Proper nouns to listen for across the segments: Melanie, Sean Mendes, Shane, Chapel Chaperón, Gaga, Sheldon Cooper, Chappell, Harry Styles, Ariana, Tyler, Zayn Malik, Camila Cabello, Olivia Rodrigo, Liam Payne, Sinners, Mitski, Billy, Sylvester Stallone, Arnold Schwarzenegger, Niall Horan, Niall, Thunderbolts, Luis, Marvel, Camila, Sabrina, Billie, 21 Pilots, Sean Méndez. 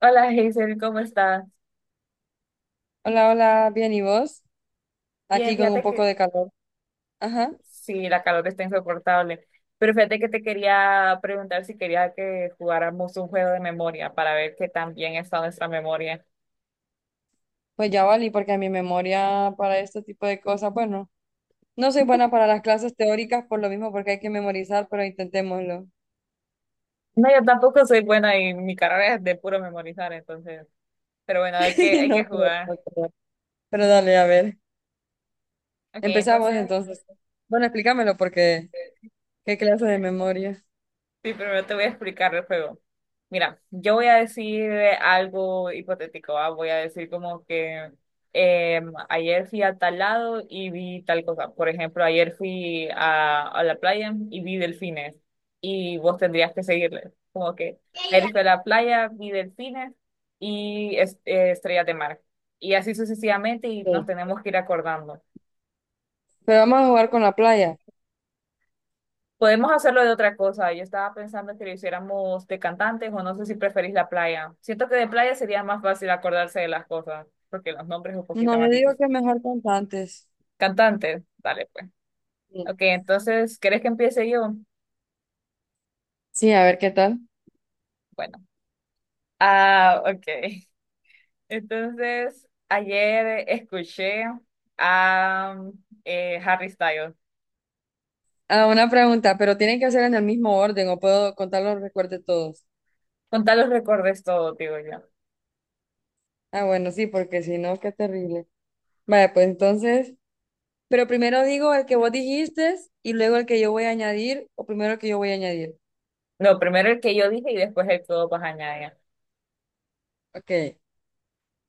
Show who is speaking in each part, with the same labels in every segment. Speaker 1: Hola Hazel, ¿cómo estás?
Speaker 2: Hola, hola, bien, ¿y vos?
Speaker 1: Bien,
Speaker 2: Aquí con
Speaker 1: fíjate
Speaker 2: un poco
Speaker 1: que
Speaker 2: de calor. Ajá,
Speaker 1: sí, la calor está insoportable, pero fíjate que te quería preguntar si quería que jugáramos un juego de memoria para ver qué tan bien está nuestra memoria.
Speaker 2: pues ya vale, porque a mi memoria para este tipo de cosas, bueno, no soy buena para las clases teóricas por lo mismo, porque hay que memorizar, pero intentémoslo.
Speaker 1: No, yo tampoco soy buena y mi carrera es de puro memorizar, entonces, pero bueno, hay que, hay que
Speaker 2: No creo,
Speaker 1: jugar.
Speaker 2: no creo. Pero dale, a ver,
Speaker 1: Ok,
Speaker 2: empezamos
Speaker 1: entonces,
Speaker 2: entonces. Bueno, explícamelo, porque qué clase de memoria.
Speaker 1: sí, primero te voy a explicar el juego. Mira, yo voy a decir algo hipotético, ¿va? Voy a decir como que ayer fui a tal lado y vi tal cosa. Por ejemplo, ayer fui a la playa y vi delfines y vos tendrías que seguirle. Como que ayer fui a la playa, vi delfines y estrellas de mar. Y así sucesivamente y nos
Speaker 2: Sí.
Speaker 1: tenemos que ir acordando.
Speaker 2: Pero vamos a jugar con la playa.
Speaker 1: Podemos hacerlo de otra cosa. Yo estaba pensando que lo hiciéramos de cantantes o no sé si preferís la playa. Siento que de playa sería más fácil acordarse de las cosas, porque los nombres es un poquito
Speaker 2: No,
Speaker 1: más
Speaker 2: yo digo
Speaker 1: difícil.
Speaker 2: que mejor contantes.
Speaker 1: Cantantes, dale pues.
Speaker 2: Sí,
Speaker 1: Ok, entonces, ¿querés que empiece yo?
Speaker 2: sí, a ver qué tal.
Speaker 1: Bueno. Ah, ok. Entonces, ayer escuché a Harry Styles.
Speaker 2: Ah, una pregunta, pero tienen que hacer en el mismo orden o puedo contarlos, recuerde todos.
Speaker 1: Con tal los recordes todo, digo yo.
Speaker 2: Ah, bueno, sí, porque si no, qué terrible. Vaya pues entonces, pero primero digo el que vos dijiste y luego el que yo voy a añadir, o primero el que yo voy a añadir.
Speaker 1: No, primero el que yo dije y después el que vos vas a añadir.
Speaker 2: Ok.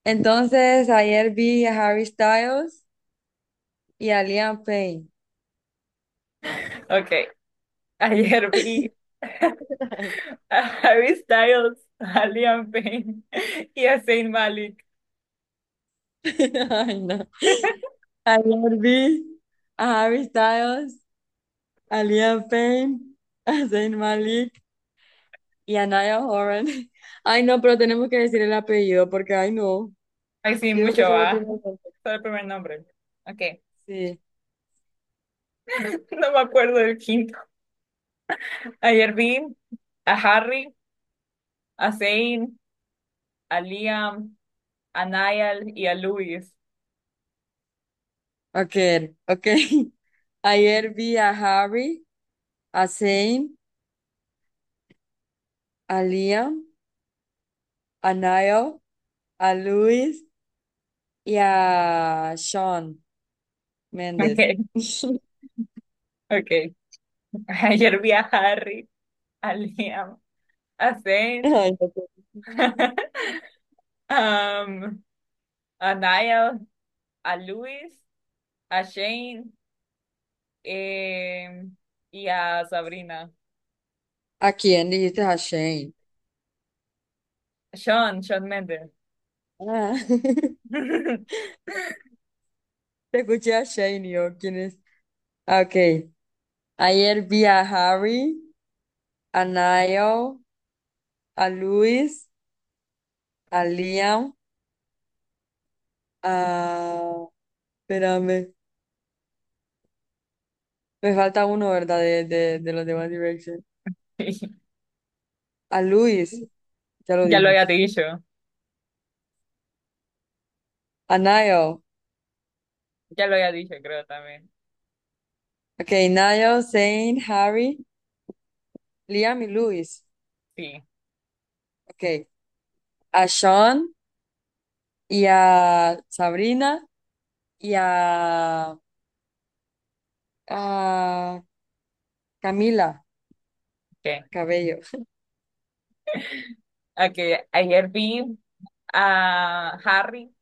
Speaker 2: Entonces, ayer vi a Harry Styles y a Liam Payne.
Speaker 1: Ok, ayer vi. A Harry Styles, a Liam Payne y a Zayn Malik.
Speaker 2: Ay, no. Ayer vi a Harry Styles, a Liam Payne, a Zayn Malik y a Niall Horan. Ay, no, pero tenemos que decir el apellido porque, ay, no.
Speaker 1: Ay, sí,
Speaker 2: Yo digo
Speaker 1: mucho
Speaker 2: que solo el
Speaker 1: va.
Speaker 2: primer nombre.
Speaker 1: Solo el primer nombre. Ok.
Speaker 2: Sí.
Speaker 1: No me acuerdo del quinto. Ayer vi a Harry, a Zayn, a Liam, a Niall y a Luis.
Speaker 2: Ok, ok. Ayer vi a Harry, a Zayn, a Liam, a Niall, a Luis y a Sean Méndez.
Speaker 1: Ok, ok. Ayer vi a Harry, a Liam, a Zayn,
Speaker 2: Ay, no puedo.
Speaker 1: um, a Niall, a Luis, a Shane eh, y a Sabrina.
Speaker 2: ¿A quién dijiste, a Shane?
Speaker 1: Sean, Sean Mendes.
Speaker 2: Ah, te escuché a Shane y yo, ¿quién es? Ah, ok. Ayer vi a Harry, a Niall, a Luis, a Liam, a... Espérame, me falta uno, ¿verdad? De los demás Direction. A Luis, ya lo
Speaker 1: Ya lo
Speaker 2: dije.
Speaker 1: había dicho,
Speaker 2: A Niall.
Speaker 1: ya lo había dicho, creo también.
Speaker 2: Okay, Niall, Zane, Harry, Liam y Luis.
Speaker 1: Sí,
Speaker 2: Okay, a Sean y a Sabrina y a Camila
Speaker 1: ok. Ok,
Speaker 2: Cabello.
Speaker 1: a que ayer vi a Harry,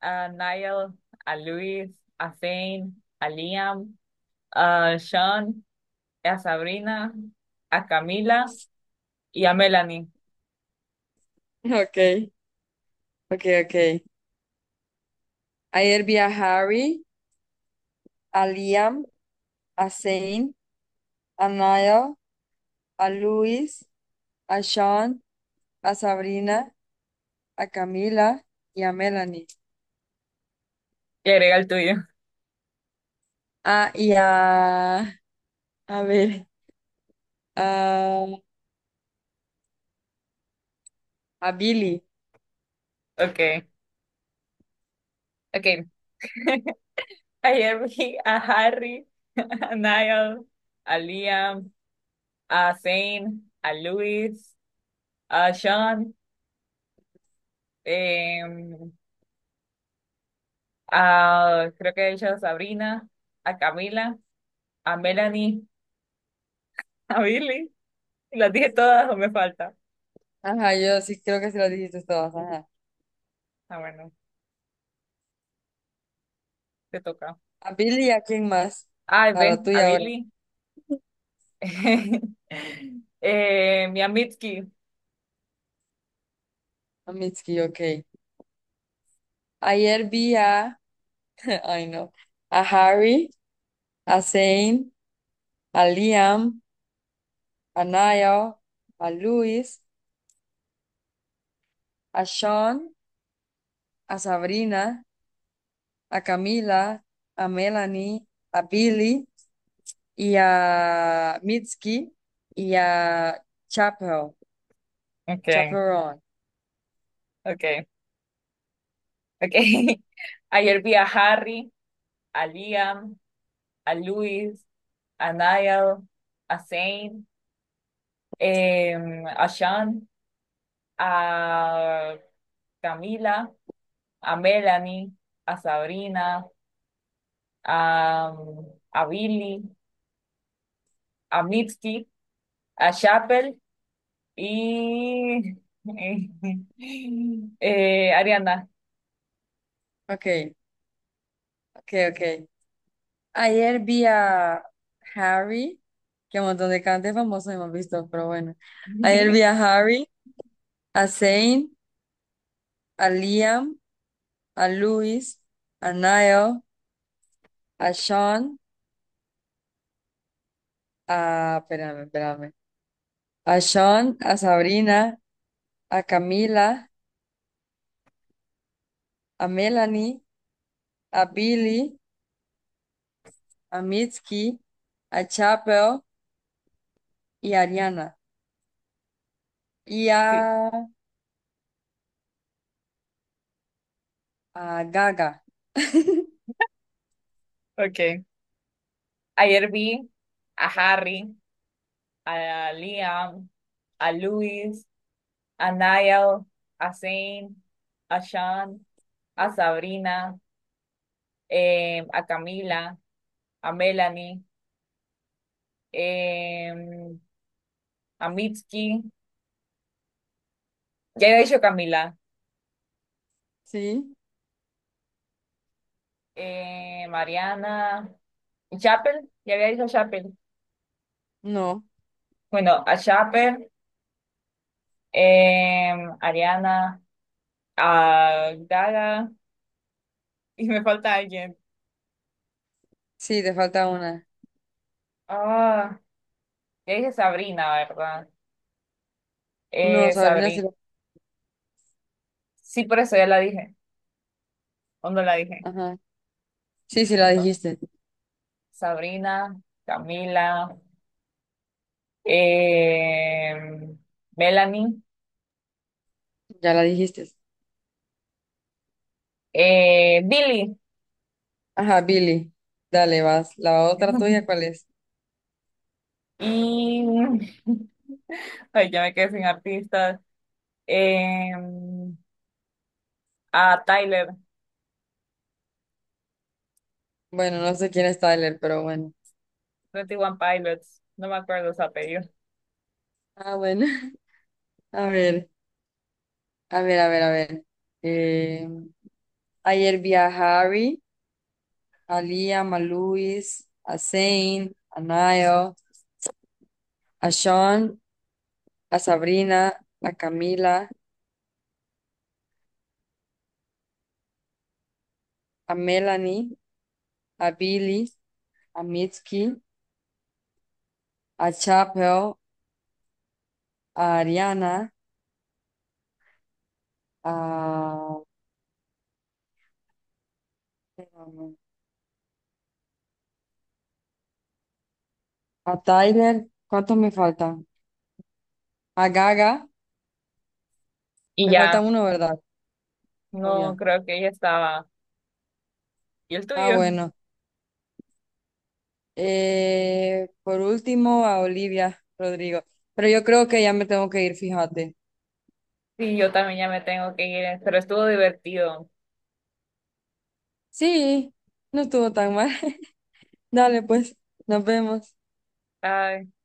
Speaker 1: a Niall, a Luis, a Zane, a Liam, a Sean, a Sabrina, a Camila y a Melanie.
Speaker 2: Okay, okay, okay. Ayer vi a Harry, a Liam, a Zane, a Niall, a Luis, a Sean, a Sabrina, a Camila y a Melanie.
Speaker 1: Y agrega el tuyo.
Speaker 2: Ah, y a ver, a, a Billy.
Speaker 1: Okay, okay. Ayer vi a Harry, a Niall, a Liam, a Zane, a Luis, a Sean, em, ah, creo que he dicho a Sabrina, a Camila, a Melanie, a Billy. Las dije todas o me falta.
Speaker 2: Ajá, yo sí creo que se lo dijiste todas, ajá.
Speaker 1: Ah, bueno, te toca.
Speaker 2: A Billy y a quién más.
Speaker 1: Ay,
Speaker 2: A
Speaker 1: ve,
Speaker 2: la
Speaker 1: a
Speaker 2: tuya ahora.
Speaker 1: Billy. Mi Mitski.
Speaker 2: A Mitski, ok. Ayer vi a, ay no, a Harry, a Zane, a Liam, a Niall, a Luis, a Sean, a Sabrina, a Camila, a Melanie, a Billy y a Mitski y a Chapel
Speaker 1: Okay,
Speaker 2: Chaperón.
Speaker 1: okay, okay. Ayer vi a Harry, a Liam, a Luis, a Niall, a Zane, a Sean, a Camila, a Melanie, a Sabrina a, a Billy, a Mitski, a Chappell y Ariana.
Speaker 2: Ok, ok, ok. Ayer vi a Harry, que un montón de cantantes famosos hemos visto, pero bueno. Ayer vi a Harry, a Zayn, a Liam, a Luis, a Niall, a Sean, a... Espérame, espérame. A Sean, a Sabrina, a Camila, a Melanie, a Billy, a Mitski, a Chapel y a Ariana. Y
Speaker 1: Sí.
Speaker 2: a Gaga.
Speaker 1: Okay. Ayer vi a Harry, a Liam, a Luis, a Niall, a Zane, a Sean, a Sabrina, a Camila, a Melanie, eh, a Mitski, ya he dicho Camila,
Speaker 2: ¿Sí?
Speaker 1: Mariana, Chappell, ya había dicho Chappell.
Speaker 2: No.
Speaker 1: Bueno, a Chappell, eh, Ariana, a Gaga, y me falta alguien.
Speaker 2: Sí, te falta una.
Speaker 1: Ah, ya dije Sabrina, ¿verdad?
Speaker 2: No, Sabrina sí
Speaker 1: Sabrina.
Speaker 2: la...
Speaker 1: Sí, por eso ya la dije. ¿O no la dije?
Speaker 2: Ajá. Sí, sí la
Speaker 1: No.
Speaker 2: dijiste.
Speaker 1: Sabrina, Camila, eh, Melanie,
Speaker 2: Ya la dijiste.
Speaker 1: Billie.
Speaker 2: Ajá, Billy. Dale, vas. La otra tuya, ¿cuál es?
Speaker 1: Y. Ay, ya me quedé sin artistas. Eh, a Tyler.
Speaker 2: Bueno, no sé quién es Tyler, pero bueno.
Speaker 1: 21 Pilots, no me acuerdo su apellido.
Speaker 2: Ah, bueno. A ver, a ver, a ver, a ver. Eh, ayer vi a Harry, a Liam, a Luis, a Zane, a Niall, a Sean, a Sabrina, a Camila, a Melanie, a Billy, a Mitski, a Chapel, a Ariana, a... A Tyler, ¿cuántos me faltan? A Gaga,
Speaker 1: Y
Speaker 2: me falta
Speaker 1: ya,
Speaker 2: uno, ¿verdad? Oh,
Speaker 1: no
Speaker 2: ya.
Speaker 1: creo que ella estaba. ¿Y el
Speaker 2: Ah,
Speaker 1: tuyo?
Speaker 2: bueno. Por último, a Olivia Rodrigo. Pero yo creo que ya me tengo que ir, fíjate.
Speaker 1: Sí, yo también ya me tengo que ir, pero estuvo divertido.
Speaker 2: Sí, no estuvo tan mal. Dale, pues, nos vemos.
Speaker 1: Ay.